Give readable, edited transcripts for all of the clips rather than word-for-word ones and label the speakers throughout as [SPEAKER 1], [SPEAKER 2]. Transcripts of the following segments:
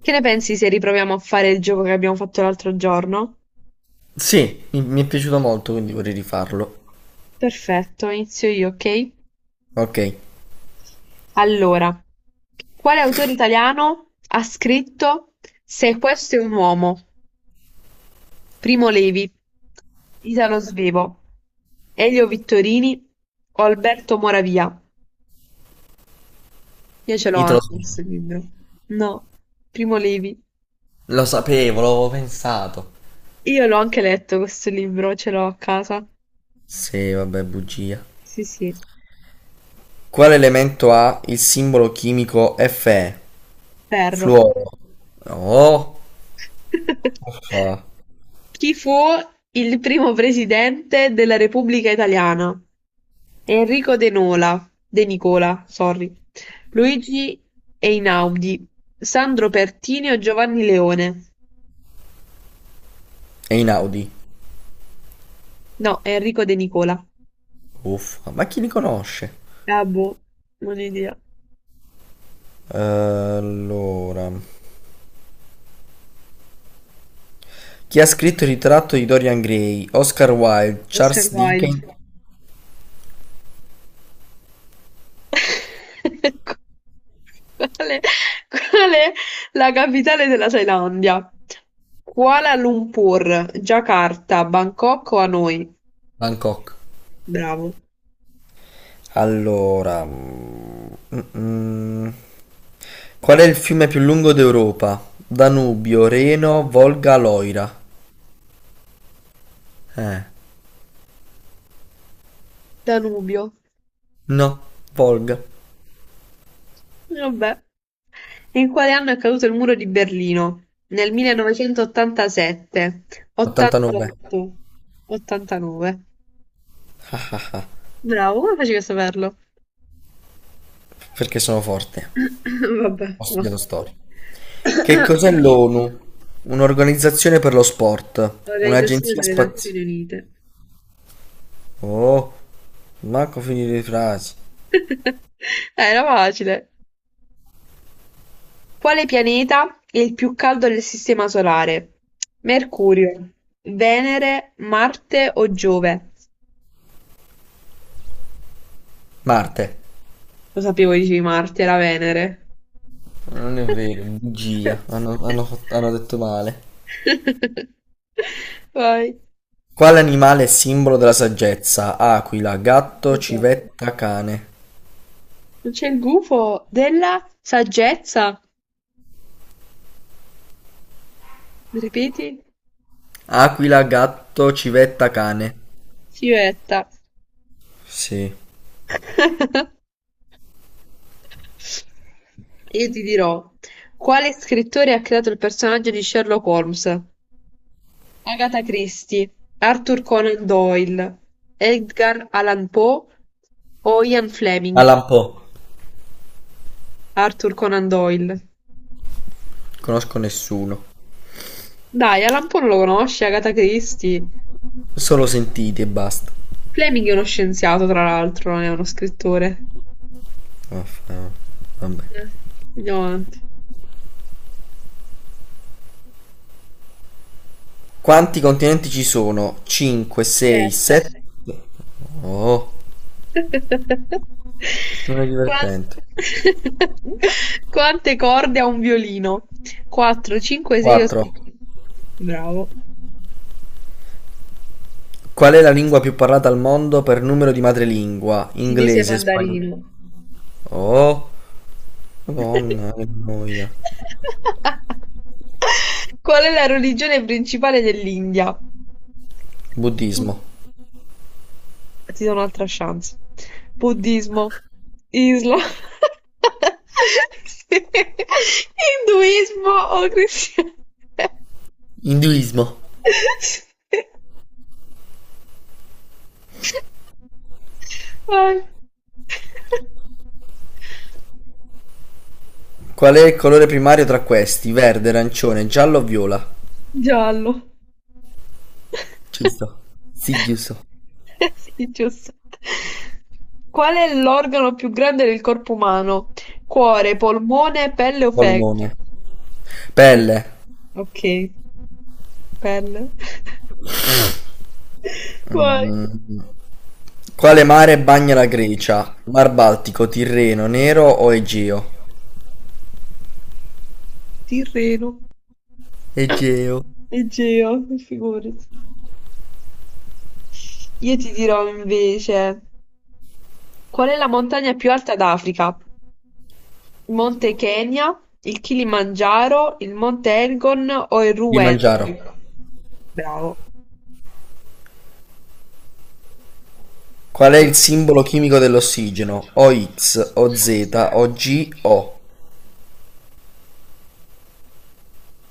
[SPEAKER 1] Che ne pensi se riproviamo a fare il gioco che abbiamo fatto l'altro giorno?
[SPEAKER 2] Sì, mi è piaciuto molto, quindi vorrei rifarlo.
[SPEAKER 1] Perfetto, inizio io, ok?
[SPEAKER 2] Ok,
[SPEAKER 1] Allora, quale autore italiano ha scritto Se questo è un uomo? Primo Levi, Italo Svevo, Elio Vittorini o Alberto Moravia? Io ce l'ho
[SPEAKER 2] Italo
[SPEAKER 1] anche questo
[SPEAKER 2] Swift.
[SPEAKER 1] libro. No, Primo Levi.
[SPEAKER 2] Lo sapevo, l'avevo pensato.
[SPEAKER 1] Io l'ho anche letto questo libro, ce l'ho a casa.
[SPEAKER 2] Sì, vabbè, bugia.
[SPEAKER 1] Sì, sì,
[SPEAKER 2] Quale elemento ha il simbolo chimico Fe?
[SPEAKER 1] perro.
[SPEAKER 2] Fluoro. No. Uffa.
[SPEAKER 1] Chi fu il primo presidente della Repubblica Italiana? Enrico De Nicola, sorry, Luigi Einaudi, Sandro Pertini o Giovanni Leone?
[SPEAKER 2] E Inaudi.
[SPEAKER 1] No, Enrico De Nicola.
[SPEAKER 2] Uffa, ma chi li conosce?
[SPEAKER 1] Ah, boh, non ho idea.
[SPEAKER 2] Allora. Chi ha scritto il ritratto di Dorian Gray? Oscar Wilde,
[SPEAKER 1] Oscar
[SPEAKER 2] Charles
[SPEAKER 1] Wilde.
[SPEAKER 2] Dickens,
[SPEAKER 1] Qual è, qual è la capitale della Thailandia? Kuala Lumpur, Giacarta, Bangkok o Hanoi?
[SPEAKER 2] Bangkok.
[SPEAKER 1] Bravo.
[SPEAKER 2] Allora, mm, qual è il fiume più lungo d'Europa? Danubio, Reno, Volga, Loira. Eh,
[SPEAKER 1] Danubio.
[SPEAKER 2] no, Volga.
[SPEAKER 1] Vabbè. In quale anno è caduto il muro di Berlino? Nel 1987,
[SPEAKER 2] 89.
[SPEAKER 1] 88, 89.
[SPEAKER 2] Ah, ah, ah.
[SPEAKER 1] Bravo, come facevi a saperlo?
[SPEAKER 2] Perché sono forte.
[SPEAKER 1] Vabbè.
[SPEAKER 2] Ho
[SPEAKER 1] Va.
[SPEAKER 2] studiato storia. Che cos'è l'ONU? Un'organizzazione per lo sport,
[SPEAKER 1] Organizzazione
[SPEAKER 2] un'agenzia
[SPEAKER 1] delle
[SPEAKER 2] spaziale.
[SPEAKER 1] Nazioni Unite.
[SPEAKER 2] Oh, manco finire le frasi.
[SPEAKER 1] Era facile. Quale pianeta è il più caldo del sistema solare? Mercurio, Venere, Marte o Giove?
[SPEAKER 2] Marte.
[SPEAKER 1] Lo sapevo, dicevi Marte, era Venere.
[SPEAKER 2] Non è vero, bugia. Hanno detto male.
[SPEAKER 1] Vai.
[SPEAKER 2] Quale animale è simbolo della saggezza? Aquila, gatto,
[SPEAKER 1] Gufo.
[SPEAKER 2] civetta, cane.
[SPEAKER 1] C'è il gufo della saggezza. Ripeti,
[SPEAKER 2] Aquila, gatto, civetta, cane.
[SPEAKER 1] Silvetta.
[SPEAKER 2] Sì.
[SPEAKER 1] Io ti dirò, quale scrittore ha creato il personaggio di Sherlock Holmes? Agatha Christie, Arthur Conan Doyle, Edgar Allan Poe o Ian Fleming?
[SPEAKER 2] Alan Poe.
[SPEAKER 1] Arthur Conan Doyle.
[SPEAKER 2] Conosco nessuno.
[SPEAKER 1] Dai, Alan Poe non lo conosci, Agatha Christie.
[SPEAKER 2] Solo sentiti e basta.
[SPEAKER 1] Fleming è uno scienziato, tra l'altro, non è uno scrittore.
[SPEAKER 2] Vaffa- Vabbè.
[SPEAKER 1] Eh, Andiamo avanti.
[SPEAKER 2] Quanti continenti ci sono? cinque, sei,
[SPEAKER 1] Sette.
[SPEAKER 2] sette. Oh, non è
[SPEAKER 1] Qua-
[SPEAKER 2] divertente.
[SPEAKER 1] Quante corde ha un violino? 4, 5, 6 o 6.
[SPEAKER 2] quattro.
[SPEAKER 1] Bravo.
[SPEAKER 2] Qual è la lingua più parlata al mondo per numero di madrelingua?
[SPEAKER 1] Cinese
[SPEAKER 2] Inglese, spagnolo.
[SPEAKER 1] mandarino.
[SPEAKER 2] Oh, Madonna, che noia.
[SPEAKER 1] Qual è la religione principale dell'India?
[SPEAKER 2] Buddismo.
[SPEAKER 1] Ti do un'altra chance. Buddismo, Islam, sì. Induismo o cristianesimo.
[SPEAKER 2] Induismo.
[SPEAKER 1] Sì. Vai.
[SPEAKER 2] Qual è il colore primario tra questi? Verde, arancione, giallo o viola?
[SPEAKER 1] Giallo.
[SPEAKER 2] Giusto. Sì, giusto.
[SPEAKER 1] Sì, giusto. Qual è l'organo più grande del corpo umano? Cuore, polmone, pelle o
[SPEAKER 2] Polmone.
[SPEAKER 1] fegato? Sì.
[SPEAKER 2] Pelle.
[SPEAKER 1] Ok, pelle. Vai.
[SPEAKER 2] Mm. Quale mare bagna la Grecia? Mar Baltico, Tirreno, Nero o Egeo?
[SPEAKER 1] Tirreno.
[SPEAKER 2] Egeo.
[SPEAKER 1] Egeo, figurati. Io ti dirò invece, qual è la montagna più alta d'Africa? Il Monte Kenya, il Kilimangiaro, il Monte Elgon o il
[SPEAKER 2] Kilimangiaro.
[SPEAKER 1] Ruwenzori? Bravo.
[SPEAKER 2] Qual è il simbolo chimico dell'ossigeno? OX, OZ, OG, O.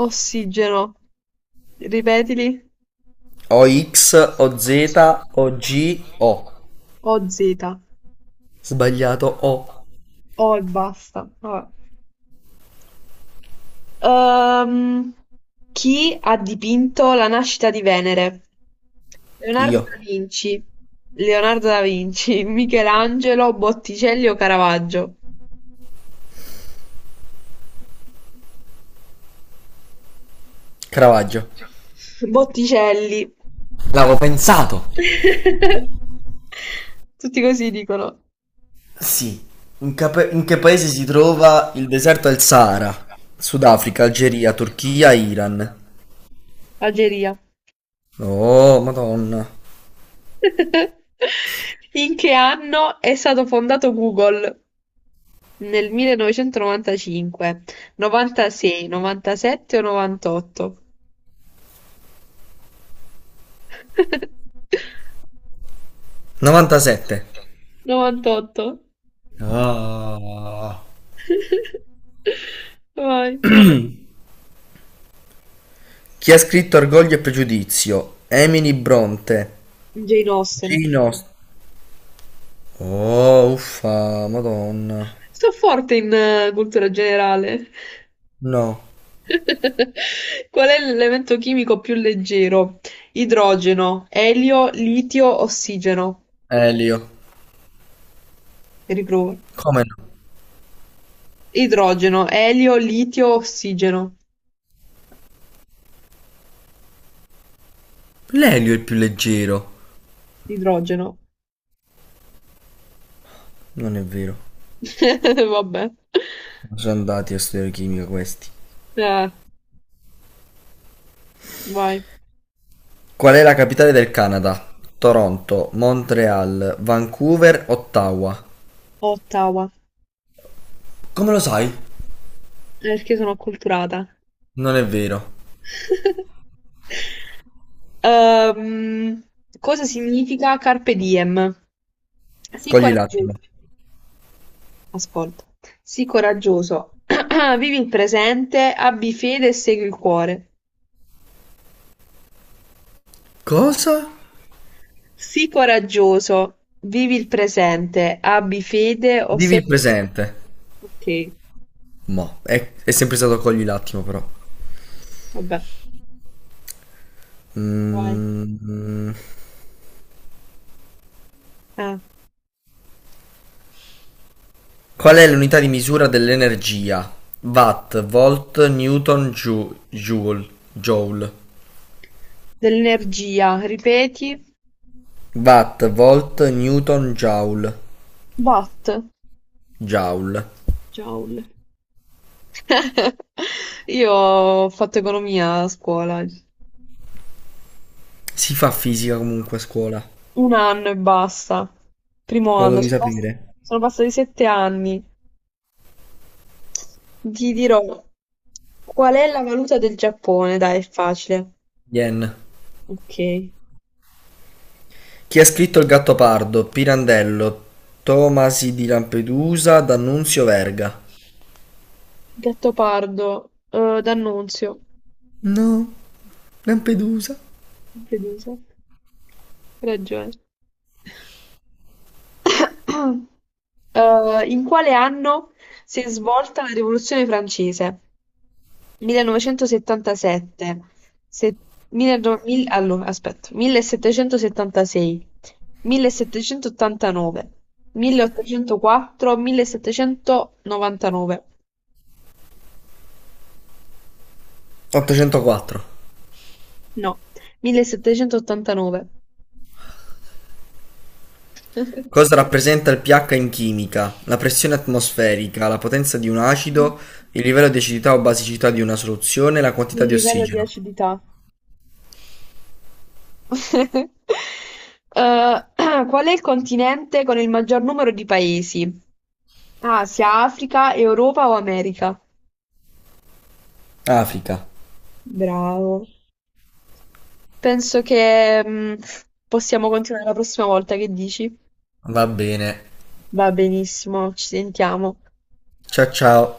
[SPEAKER 1] Ossigeno, ripetili,
[SPEAKER 2] OX, OZ, OG, O. Z, O G, O.
[SPEAKER 1] o Z,
[SPEAKER 2] Sbagliato, O.
[SPEAKER 1] o e basta. Vabbè. Ehm, chi ha dipinto La nascita di Venere? Leonardo
[SPEAKER 2] Io.
[SPEAKER 1] da Vinci, Leonardo da Vinci, Michelangelo, Botticelli o Caravaggio?
[SPEAKER 2] Cravaggio.
[SPEAKER 1] Botticelli.
[SPEAKER 2] L'avevo pensato.
[SPEAKER 1] Tutti così dicono.
[SPEAKER 2] Sì. In che paese si trova il deserto del Sahara? Sudafrica, Algeria, Turchia, Iran.
[SPEAKER 1] Algeria.
[SPEAKER 2] Oh, Madonna.
[SPEAKER 1] In che anno è stato fondato Google? Nel 1995, 96, 97 o 98?
[SPEAKER 2] 97.
[SPEAKER 1] 98.
[SPEAKER 2] Ah.
[SPEAKER 1] Vai.
[SPEAKER 2] Chi ha scritto Orgoglio e Pregiudizio? Emily Bronte.
[SPEAKER 1] Jane Austen.
[SPEAKER 2] Gino. Oh, uffa, Madonna.
[SPEAKER 1] Sto forte in cultura generale.
[SPEAKER 2] No.
[SPEAKER 1] Qual è l'elemento chimico più leggero? Idrogeno, elio, litio, ossigeno.
[SPEAKER 2] Elio.
[SPEAKER 1] Riprovo.
[SPEAKER 2] Come no?
[SPEAKER 1] Idrogeno, elio, litio, ossigeno.
[SPEAKER 2] L'elio è il più leggero.
[SPEAKER 1] Idrogeno.
[SPEAKER 2] Non è vero.
[SPEAKER 1] Vabbè.
[SPEAKER 2] Sono andati a studiare chimica questi.
[SPEAKER 1] Eh, vai.
[SPEAKER 2] Qual è la capitale del Canada? Toronto, Montreal, Vancouver, Ottawa.
[SPEAKER 1] Ottawa.
[SPEAKER 2] Come lo sai?
[SPEAKER 1] Perché sono acculturata.
[SPEAKER 2] Non è vero.
[SPEAKER 1] Ehm, cosa significa carpe diem? Sii
[SPEAKER 2] Cogli
[SPEAKER 1] coraggioso,
[SPEAKER 2] l'attimo.
[SPEAKER 1] ascolta, sii coraggioso, vivi il presente, abbi fede e segui il cuore.
[SPEAKER 2] Cosa?
[SPEAKER 1] Sii coraggioso, vivi il presente, abbi fede o
[SPEAKER 2] Vivi il
[SPEAKER 1] segui il
[SPEAKER 2] presente.
[SPEAKER 1] cuore. Ok,
[SPEAKER 2] Mo, è sempre stato cogli l'attimo però.
[SPEAKER 1] vabbè. Vai.
[SPEAKER 2] Mm.
[SPEAKER 1] Eh,
[SPEAKER 2] Qual è l'unità di misura dell'energia? Watt, volt, newton, joule.
[SPEAKER 1] dell'energia, ripeti,
[SPEAKER 2] Watt, volt, newton, joule,
[SPEAKER 1] watt,
[SPEAKER 2] joule.
[SPEAKER 1] joule. Io ho fatto economia a scuola.
[SPEAKER 2] Si fa fisica comunque a scuola.
[SPEAKER 1] Un anno e basta. Primo
[SPEAKER 2] Lo
[SPEAKER 1] anno,
[SPEAKER 2] devi sapere.
[SPEAKER 1] sono passati 7 anni. Ti dirò qual è la valuta del Giappone? Dai, è facile.
[SPEAKER 2] Yen.
[SPEAKER 1] Ok.
[SPEAKER 2] Chi ha scritto Il Gattopardo? Pirandello, Tomasi di Lampedusa, D'Annunzio Verga.
[SPEAKER 1] Gattopardo, D'Annunzio.
[SPEAKER 2] No, Lampedusa.
[SPEAKER 1] Fiducia. Ragione. In quale anno si è svolta la Rivoluzione francese? 1977, se- allora, aspetta, 1776, 1789, 1804, 1799,
[SPEAKER 2] 804.
[SPEAKER 1] no, 1789.
[SPEAKER 2] Cosa rappresenta il pH in chimica? La pressione atmosferica, la potenza di un acido, il livello di acidità o basicità di una soluzione, la quantità
[SPEAKER 1] Il
[SPEAKER 2] di
[SPEAKER 1] livello di
[SPEAKER 2] ossigeno.
[SPEAKER 1] acidità. Eh, qual è il continente con il maggior numero di paesi? Asia, Africa, Europa o America?
[SPEAKER 2] Africa.
[SPEAKER 1] Bravo. Penso che possiamo continuare la prossima volta, che dici?
[SPEAKER 2] Va bene.
[SPEAKER 1] Va benissimo, ci sentiamo.
[SPEAKER 2] Ciao ciao.